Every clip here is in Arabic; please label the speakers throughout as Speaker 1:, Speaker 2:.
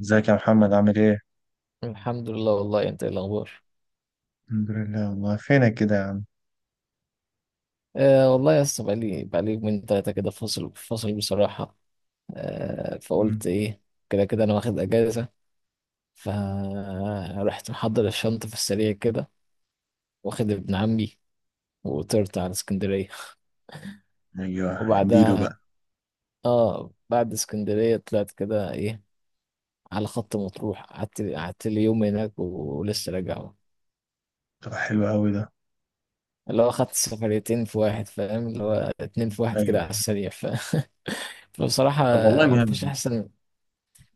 Speaker 1: ازيك يا محمد؟ عامل ايه؟
Speaker 2: الحمد لله، والله انت ايه الاخبار؟
Speaker 1: الحمد لله. والله فينك كده يا عم؟
Speaker 2: آه والله يا اسطى، بقالي يومين تلاتة كده، فاصل فاصل بصراحة. آه
Speaker 1: مم.
Speaker 2: فقلت ايه، كده كده انا واخد اجازة، فرحت محضر الشنطة في السريع كده، واخد ابن عمي وطرت على اسكندرية.
Speaker 1: ايوه اديله
Speaker 2: وبعدها
Speaker 1: بقى.
Speaker 2: اه بعد اسكندرية طلعت كده ايه على خط مطروح، قعدت لي يوم هناك ولسه راجع.
Speaker 1: طب حلو قوي ده.
Speaker 2: اللي هو خدت سفريتين في واحد، فاهم اللي هو؟ اتنين في واحد كده
Speaker 1: ايوه،
Speaker 2: على
Speaker 1: أيوة.
Speaker 2: السريع فبصراحة
Speaker 1: طب والله
Speaker 2: مفيش
Speaker 1: جامد.
Speaker 2: أحسن.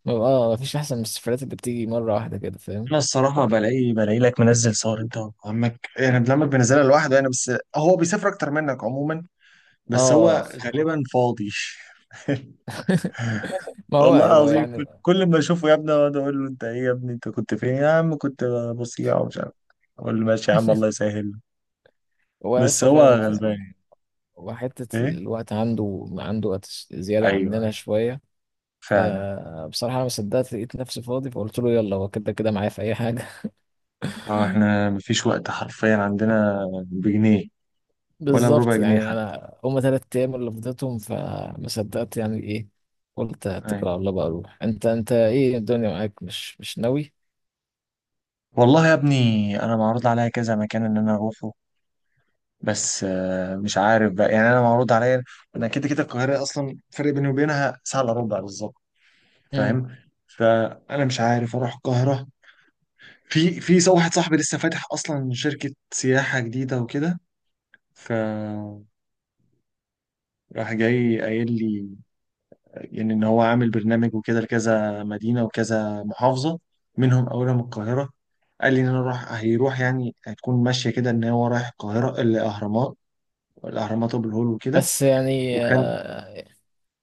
Speaker 2: اه مفيش احسن من السفرات اللي بتيجي مره واحده كده، فاهم؟
Speaker 1: انا الصراحه بلاقي لك منزل صور انت وعمك، يعني ابن عمك بينزلها لوحده يعني، بس هو بيسافر اكتر منك عموما. بس
Speaker 2: اه
Speaker 1: هو غالبا فاضي.
Speaker 2: ما هو
Speaker 1: والله
Speaker 2: هو
Speaker 1: العظيم
Speaker 2: يعني.
Speaker 1: كل ما اشوفه يا ابني اقعد اقول له انت ايه يا ابني، انت كنت فين يا عم؟ كنت بصيع ومش عارف. اقول له ماشي يا عم، الله يسهل.
Speaker 2: هو
Speaker 1: بس
Speaker 2: قصه
Speaker 1: هو
Speaker 2: فعلا
Speaker 1: غلبان.
Speaker 2: وحته
Speaker 1: ايه،
Speaker 2: الوقت عنده وقت زياده
Speaker 1: ايوه
Speaker 2: عننا
Speaker 1: ايوه
Speaker 2: شويه.
Speaker 1: فعلا.
Speaker 2: فبصراحه انا ما صدقت، لقيت نفسي فاضي فقلت له يلا، هو كده كده معايا في اي حاجه.
Speaker 1: اه احنا مفيش وقت حرفيا، عندنا بجنيه ولا بربع
Speaker 2: بالظبط
Speaker 1: جنيه
Speaker 2: يعني،
Speaker 1: حتى.
Speaker 2: انا هما تلات ايام اللي فضيتهم، فما صدقت يعني ايه. قلت اتكل
Speaker 1: ايوه،
Speaker 2: على الله بقى اروح، انت ايه الدنيا معاك، مش ناوي؟
Speaker 1: والله يا ابني انا معروض عليا كذا مكان ان انا اروحه، بس مش عارف بقى. يعني انا معروض عليا، انا كده كده القاهره اصلا فرق بيني وبينها ساعه الا ربع بالظبط،
Speaker 2: مم.
Speaker 1: فاهم؟ فانا مش عارف اروح القاهره. واحد صاحبي لسه فاتح اصلا شركه سياحه جديده وكده، فراح جاي قايل لي يعني ان هو عامل برنامج وكده لكذا مدينه وكذا محافظه، منهم اولهم القاهره. قال لي ان انا راح هيروح، يعني هتكون ماشيه كده ان هو رايح القاهره، الاهرامات، الاهرامات وابو الهول وكده.
Speaker 2: بس يعني
Speaker 1: وكان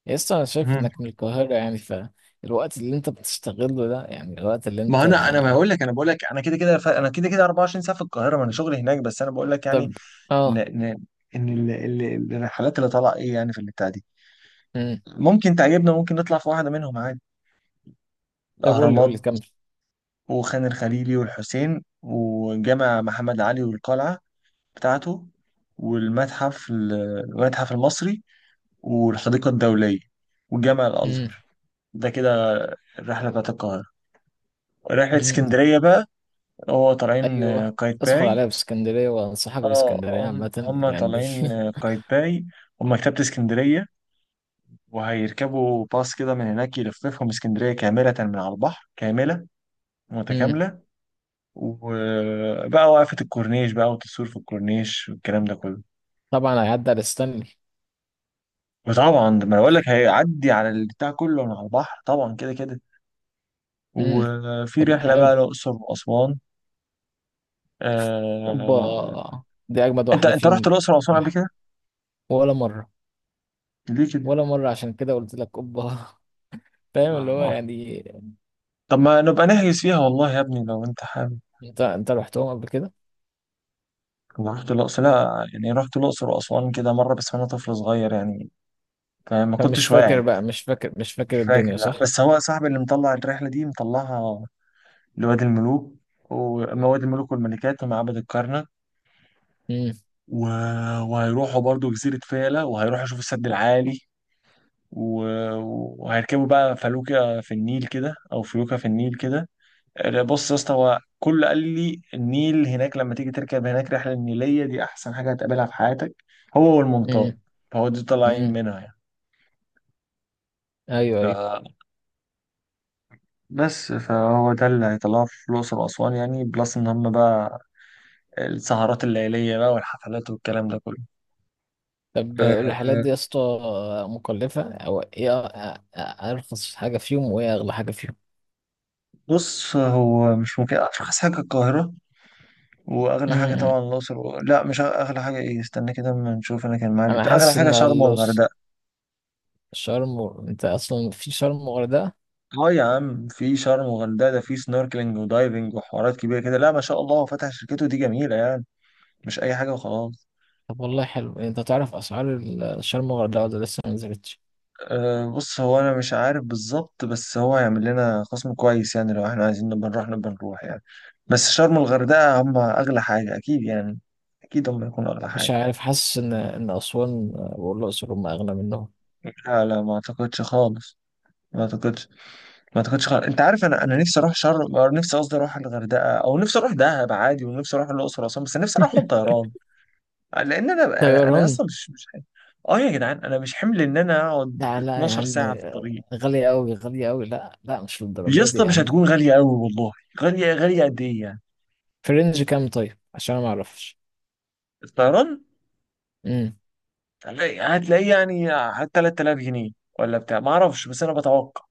Speaker 2: يسطا انا شايف
Speaker 1: مم.
Speaker 2: انك من القاهرة يعني، فالوقت اللي انت بتشتغله ده يعني الوقت اللي
Speaker 1: ما
Speaker 2: انت.
Speaker 1: انا، انا ما اقول لك انا بقول لك انا كده كده انا كده كده 24 ساعه في القاهره، ما انا شغلي هناك، بس انا بقول لك يعني
Speaker 2: طب
Speaker 1: ان
Speaker 2: اه.
Speaker 1: ان ان ال- الرحلات اللي طالعه ايه يعني في البتاع دي،
Speaker 2: مم.
Speaker 1: ممكن تعجبنا، ممكن نطلع في واحده منهم عادي.
Speaker 2: طب قول لي
Speaker 1: الاهرامات
Speaker 2: كمل.
Speaker 1: وخان الخليلي والحسين وجامع محمد علي والقلعه بتاعته، والمتحف المصري، والحديقة الدولية، وجامع
Speaker 2: مم.
Speaker 1: الأزهر. ده كده الرحلة بتاعت القاهرة. رحلة
Speaker 2: مم.
Speaker 1: اسكندرية بقى، هو طالعين
Speaker 2: ايوه، ادخل
Speaker 1: قايتباي.
Speaker 2: عليا باسكندرية، وانصحك
Speaker 1: اه
Speaker 2: باسكندرية
Speaker 1: هم
Speaker 2: عامة
Speaker 1: هم
Speaker 2: يعني.
Speaker 1: طالعين قايتباي ومكتبة اسكندرية، وهيركبوا باص كده من هناك يلففهم اسكندرية كاملة من على البحر، كاملة
Speaker 2: مم.
Speaker 1: متكاملة. وبقى وقفة الكورنيش بقى، والتصوير في الكورنيش والكلام ده كله.
Speaker 2: طبعا هيعدي على ستانلي.
Speaker 1: وطبعا ده ما أنا بقول لك، هيعدي على البتاع كله من على البحر طبعا كده كده.
Speaker 2: مم.
Speaker 1: وفي
Speaker 2: طب ما
Speaker 1: رحله
Speaker 2: حلو.
Speaker 1: بقى الاقصر واسوان. آه...
Speaker 2: اوبا، دي اجمد
Speaker 1: انت
Speaker 2: واحدة
Speaker 1: انت رحت
Speaker 2: فيهم.
Speaker 1: الاقصر واسوان قبل
Speaker 2: راح.
Speaker 1: كده؟
Speaker 2: ولا مرة.
Speaker 1: ليه كده؟
Speaker 2: ولا مرة، عشان كده قلت لك اوبا. فاهم اللي هو
Speaker 1: آه.
Speaker 2: يعني.
Speaker 1: طب ما نبقى نحجز فيها والله يا ابني لو انت حابب.
Speaker 2: انت رحتهم قبل كده؟
Speaker 1: انا رحت الاقصر، لا يعني رحت الاقصر واسوان كده مره بس وانا طفل صغير يعني، فاهم؟ ما
Speaker 2: فمش
Speaker 1: كنتش
Speaker 2: فاكر
Speaker 1: واعي.
Speaker 2: بقى، مش فاكر، مش
Speaker 1: مش
Speaker 2: فاكر
Speaker 1: فاكر،
Speaker 2: الدنيا،
Speaker 1: لا،
Speaker 2: صح.
Speaker 1: بس هو صاحبي اللي مطلع الرحله دي مطلعها لوادي الملوك، وما وادي الملوك والملكات ومعبد الكرنك و... وهيروحوا برضو جزيرة فيلة، وهيروحوا يشوفوا السد العالي و... وهيركبوا بقى فلوكة في النيل كده، أو فلوكة في النيل كده. بص يا اسطى، هو كل قال لي النيل هناك، لما تيجي تركب هناك رحلة النيلية دي أحسن حاجة هتقابلها في حياتك هو والمنطاد.
Speaker 2: امم.
Speaker 1: فهو دي طالعين
Speaker 2: امم.
Speaker 1: منها يعني.
Speaker 2: ايوه
Speaker 1: ف...
Speaker 2: ايوه.
Speaker 1: بس فهو ده اللي هيطلعه في الأقصر وأسوان، يعني بلس إن هم بقى السهرات الليلية بقى والحفلات والكلام ده كله.
Speaker 2: طب الرحلات
Speaker 1: أه
Speaker 2: دي يا اسطى مكلفه او ايه؟ ارخص حاجه فيهم، وايه اغلى حاجه فيهم؟
Speaker 1: بص، هو مش ممكن، أرخص حاجة القاهرة، واغلى حاجه
Speaker 2: امم.
Speaker 1: طبعا الاقصر لا، مش أغ- اغلى حاجه ايه، استنى كده اما نشوف. انا كان معايا
Speaker 2: انا
Speaker 1: اغلى
Speaker 2: حاسس ان
Speaker 1: حاجه شرم والغردقه.
Speaker 2: شرم انت اصلا في شرم وغردقه.
Speaker 1: اه يا عم، في شرم والغردقه ده في سنوركلينج ودايفنج وحوارات كبيره كده، لا ما شاء الله، هو فتح شركته دي جميله يعني، مش اي حاجه وخلاص.
Speaker 2: طب والله حلو، انت تعرف اسعار شرم وغردقه ولا لسه ما نزلتش؟
Speaker 1: أه بص، هو انا مش عارف بالظبط، بس هو هيعمل لنا خصم كويس يعني لو احنا عايزين نبقى نروح يعني. بس شرم والغردقه هم اغلى حاجه اكيد يعني، اكيد هم يكونوا اغلى
Speaker 2: مش
Speaker 1: حاجه.
Speaker 2: عارف، حاسس ان ان اسوان والاقصر هم اغلى منهم.
Speaker 1: لا لا ما اعتقدش خالص، ما اعتقدش، ما اعتقدش خالص. انت عارف انا، انا نفسي اروح شرم، أو نفسي قصدي اروح الغردقه، او نفسي اروح دهب عادي، ونفسي اروح الاقصر واسوان، بس نفسي اروح طيران. لان انا
Speaker 2: طيران.
Speaker 1: اصلا مش حمل. اه يا جدعان انا مش حمل ان انا اقعد
Speaker 2: لا لا يا
Speaker 1: 12
Speaker 2: عم،
Speaker 1: ساعه في الطريق.
Speaker 2: غالية أوي غالية أوي، لا لا مش
Speaker 1: يا
Speaker 2: للدرجة دي
Speaker 1: اسطى
Speaker 2: يا
Speaker 1: مش
Speaker 2: عم.
Speaker 1: هتكون غاليه قوي والله. غاليه قد ايه يعني؟
Speaker 2: في رينج كام طيب، عشان ما أعرفش؟
Speaker 1: الطيران هتلاقي يعني 3000 جنيه ولا بتاع، ما اعرفش، بس انا بتوقع،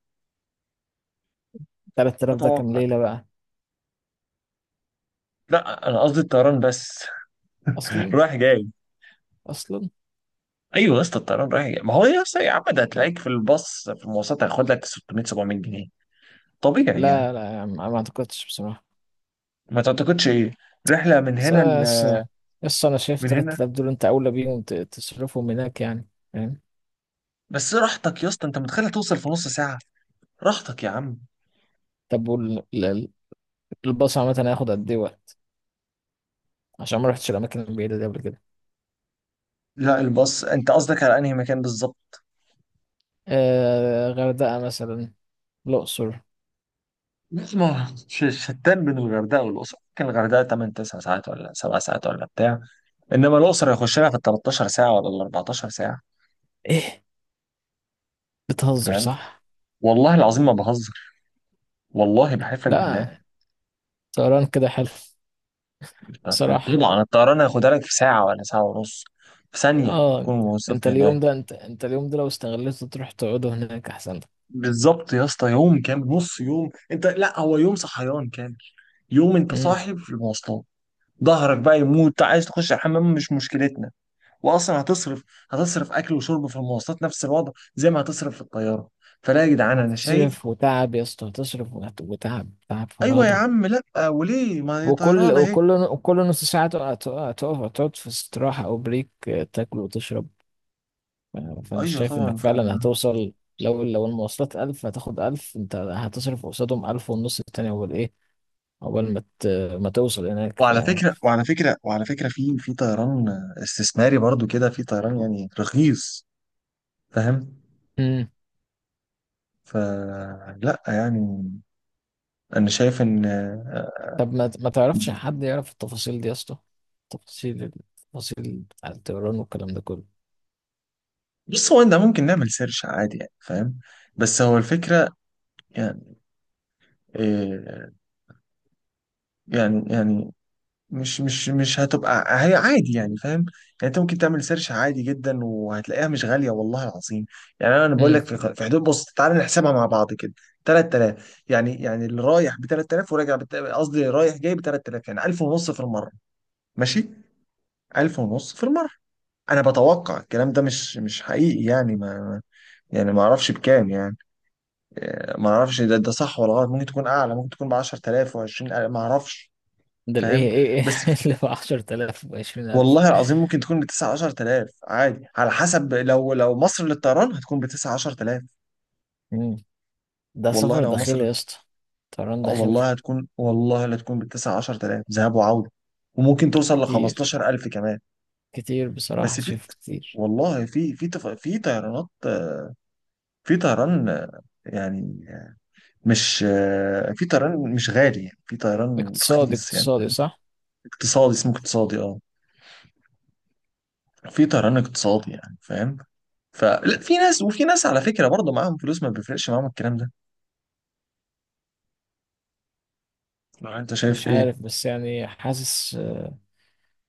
Speaker 2: 3000 ده كام
Speaker 1: بتوقع.
Speaker 2: ليلة بقى
Speaker 1: لا انا قصدي الطيران بس
Speaker 2: أصلا؟
Speaker 1: رايح جاي.
Speaker 2: أصلا
Speaker 1: ايوه يا اسطى، الطيران رايح جاي. ما هو يا اسطى يا عم، ده هتلاقيك في الباص في المواصلات هياخد لك 600 700 جنيه طبيعي يعني.
Speaker 2: لا لا يا عم، ما أعتقدش بصراحة.
Speaker 1: ما تعتقدش ايه؟ رحله من
Speaker 2: بس
Speaker 1: هنا
Speaker 2: أنا بس، بس أنا شايف
Speaker 1: من هنا؟
Speaker 2: 3000 دول أنت أولى بيهم تصرفهم هناك يعني، فاهم؟
Speaker 1: بس راحتك يا اسطى، انت متخيل توصل في نص ساعه. راحتك يا عم.
Speaker 2: طب والباص عامة هياخد قد إيه وقت؟ عشان ما رحتش الأماكن البعيدة دي قبل كده.
Speaker 1: لا الباص، انت قصدك على انهي مكان بالظبط؟
Speaker 2: آه غردقة مثلا، الأقصر.
Speaker 1: ما شتان بين الغردقه والاقصر. ممكن الغردقه 8 9 ساعات ولا 7 ساعات ولا بتاع، انما الاقصر هيخش لها في ال 13 ساعه ولا ال 14 ساعه،
Speaker 2: إيه، بتهزر
Speaker 1: فاهم؟
Speaker 2: صح؟
Speaker 1: والله العظيم ما بهزر، والله بحلف لك بالله.
Speaker 2: لا، طيران كده حلو بصراحة.
Speaker 1: طبعا الطيران هياخدها لك في ساعة ولا ساعة ونص، في ثانية
Speaker 2: آه
Speaker 1: تكون
Speaker 2: أنت
Speaker 1: وصلت هناك.
Speaker 2: اليوم ده، أنت اليوم ده لو استغليته تروح تقعده هناك أحسن
Speaker 1: بالظبط يا اسطى، يوم كامل، نص يوم، انت لا هو يوم صحيان كامل، يوم انت
Speaker 2: لك.
Speaker 1: صاحي في المواصلات، ظهرك بقى يموت، عايز تخش الحمام مش مشكلتنا، واصلا هتصرف، هتصرف اكل وشرب في المواصلات نفس الوضع زي ما هتصرف في الطيارة. فلا يا جدعان انا شايف.
Speaker 2: هتصرف وتعب يا اسطى، هتصرف وتعب، تعب
Speaker 1: ايوه يا
Speaker 2: فرهدة.
Speaker 1: عم، لا وليه؟ ما هي
Speaker 2: وكل
Speaker 1: طيران اهي.
Speaker 2: وكل وكل نص ساعة تقف، تقعد في استراحة أو بريك، تاكل وتشرب. فأنا
Speaker 1: ايوه
Speaker 2: شايف
Speaker 1: طبعا.
Speaker 2: إنك فعلا هتوصل. لو المواصلات ألف، هتاخد ألف، أنت هتصرف قصادهم ألف ونص التاني. أول إيه، أول ما ت- ما توصل هناك ف.
Speaker 1: وعلى فكرة في طيران استثماري برضو كده، في طيران يعني رخيص، فاهم؟
Speaker 2: مم.
Speaker 1: فلا يعني، انا شايف ان،
Speaker 2: طب ما تعرفش حد يعرف التفاصيل دي يا اسطى؟ تفاصيل، التفاصيل بتاع الطيران والكلام ده كله.
Speaker 1: بص هو ده ممكن نعمل سيرش عادي يعني، فاهم؟ بس هو الفكرة يعني إيه، يعني يعني مش هتبقى هي عادي يعني، فاهم يعني؟ انت ممكن تعمل سيرش عادي جدا وهتلاقيها مش غاليه والله العظيم. يعني انا بقول
Speaker 2: مم.
Speaker 1: لك في حدود، بص تعالى نحسبها مع بعض كده، 3000 يعني، يعني اللي رايح ب 3000 وراجع قصدي رايح جاي ب 3000، يعني 1000 ونص في المره، ماشي، 1000 ونص في المره. انا بتوقع الكلام ده مش حقيقي يعني، ما يعني ما اعرفش بكام يعني. ما اعرفش ده ده صح ولا غلط، ممكن تكون اعلى، ممكن تكون ب 10,000 و 20,000، ما اعرفش،
Speaker 2: ده الإيه
Speaker 1: فاهم؟
Speaker 2: إيه
Speaker 1: بس
Speaker 2: إيه اللي ب 10000 و 20000؟
Speaker 1: والله العظيم ممكن تكون بتسعة عشر تلاف عادي، على حسب، لو لو مصر للطيران هتكون بتسعة عشر تلاف.
Speaker 2: ده
Speaker 1: والله
Speaker 2: سفر
Speaker 1: لو
Speaker 2: داخلي
Speaker 1: مصر،
Speaker 2: يا اسطى، طيران
Speaker 1: أو
Speaker 2: داخلي.
Speaker 1: والله هتكون، والله لا تكون بتسعة عشر تلاف ذهاب وعودة، وممكن توصل
Speaker 2: كتير،
Speaker 1: لخمستاشر ألف كمان.
Speaker 2: كتير بصراحة،
Speaker 1: بس في،
Speaker 2: شايف كتير.
Speaker 1: والله في في طيرانات، في طيران يعني، مش آه، في طيران مش غالي يعني، في طيران
Speaker 2: اقتصادي،
Speaker 1: رخيص يعني.
Speaker 2: اقتصادي صح.
Speaker 1: اقتصادي اسمه اقتصادي، اه، في طيران اقتصادي يعني، فاهم؟ فلا، في ناس وفي ناس على فكرة برضه معاهم فلوس ما بيفرقش معاهم الكلام ده. لو انت شايف
Speaker 2: مش
Speaker 1: ايه؟
Speaker 2: عارف بس يعني حاسس،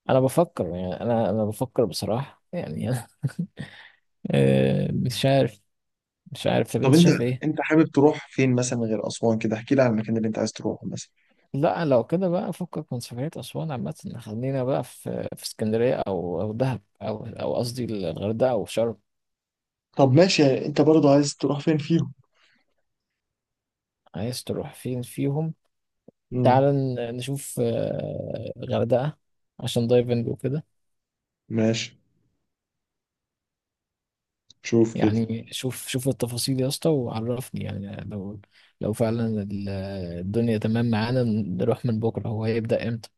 Speaker 2: انا بفكر يعني، انا بفكر بصراحة يعني. انا مش عارف، مش عارف. طب
Speaker 1: طب
Speaker 2: انت
Speaker 1: انت،
Speaker 2: شايف ايه؟
Speaker 1: انت حابب تروح فين مثلا غير اسوان كده؟ احكي لي على المكان اللي انت عايز تروحه مثلا.
Speaker 2: لا لو كده بقى فكك من سفرية أسوان عامة، خلينا بقى في اسكندرية أو دهب أو، أو قصدي الغردقة أو شرم.
Speaker 1: طب ماشي، انت برضو عايز تروح فين فيهم؟
Speaker 2: عايز تروح فين فيهم؟
Speaker 1: مم.
Speaker 2: تعال نشوف غردقة عشان دايفنج وكده.
Speaker 1: ماشي، شوف كده.
Speaker 2: يعني شوف التفاصيل يا اسطى وعرفني يعني، لو لو فعلا الدنيا تمام معانا نروح من بكره، هو هيبدأ امتى؟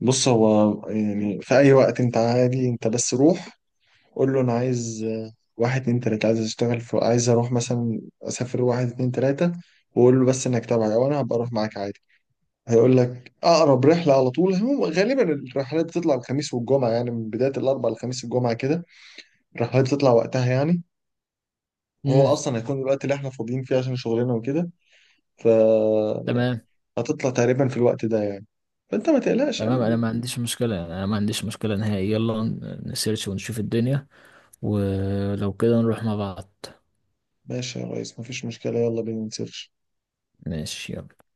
Speaker 1: بص هو يعني في اي وقت انت عادي، انت بس روح قول له انا عايز واحد اتنين تلاته، عايز اشتغل في، عايز اروح مثلا، اسافر واحد اتنين تلاته. وقول له بس انك تابعي او انا هبقى اروح معاك عادي. هيقول لك اقرب رحله على طول. هو غالبا الرحلات بتطلع الخميس والجمعه، يعني من بدايه الاربعاء للخميس الجمعه كده الرحلات تطلع وقتها يعني. هو
Speaker 2: امم.
Speaker 1: اصلا هيكون الوقت اللي احنا فاضيين فيه عشان شغلنا وكده، فهتطلع
Speaker 2: تمام،
Speaker 1: تقريبا في الوقت ده يعني، فانت ما تقلقش
Speaker 2: تمام انا
Speaker 1: يعني.
Speaker 2: ما عنديش مشكله يعني، انا ما عنديش مشكله نهائي، يلا نسيرش ونشوف الدنيا، ولو كده نروح مع بعض.
Speaker 1: ماشي يا ريس، مفيش مشكلة، يلا بينا نسيرش.
Speaker 2: ماشي يلا.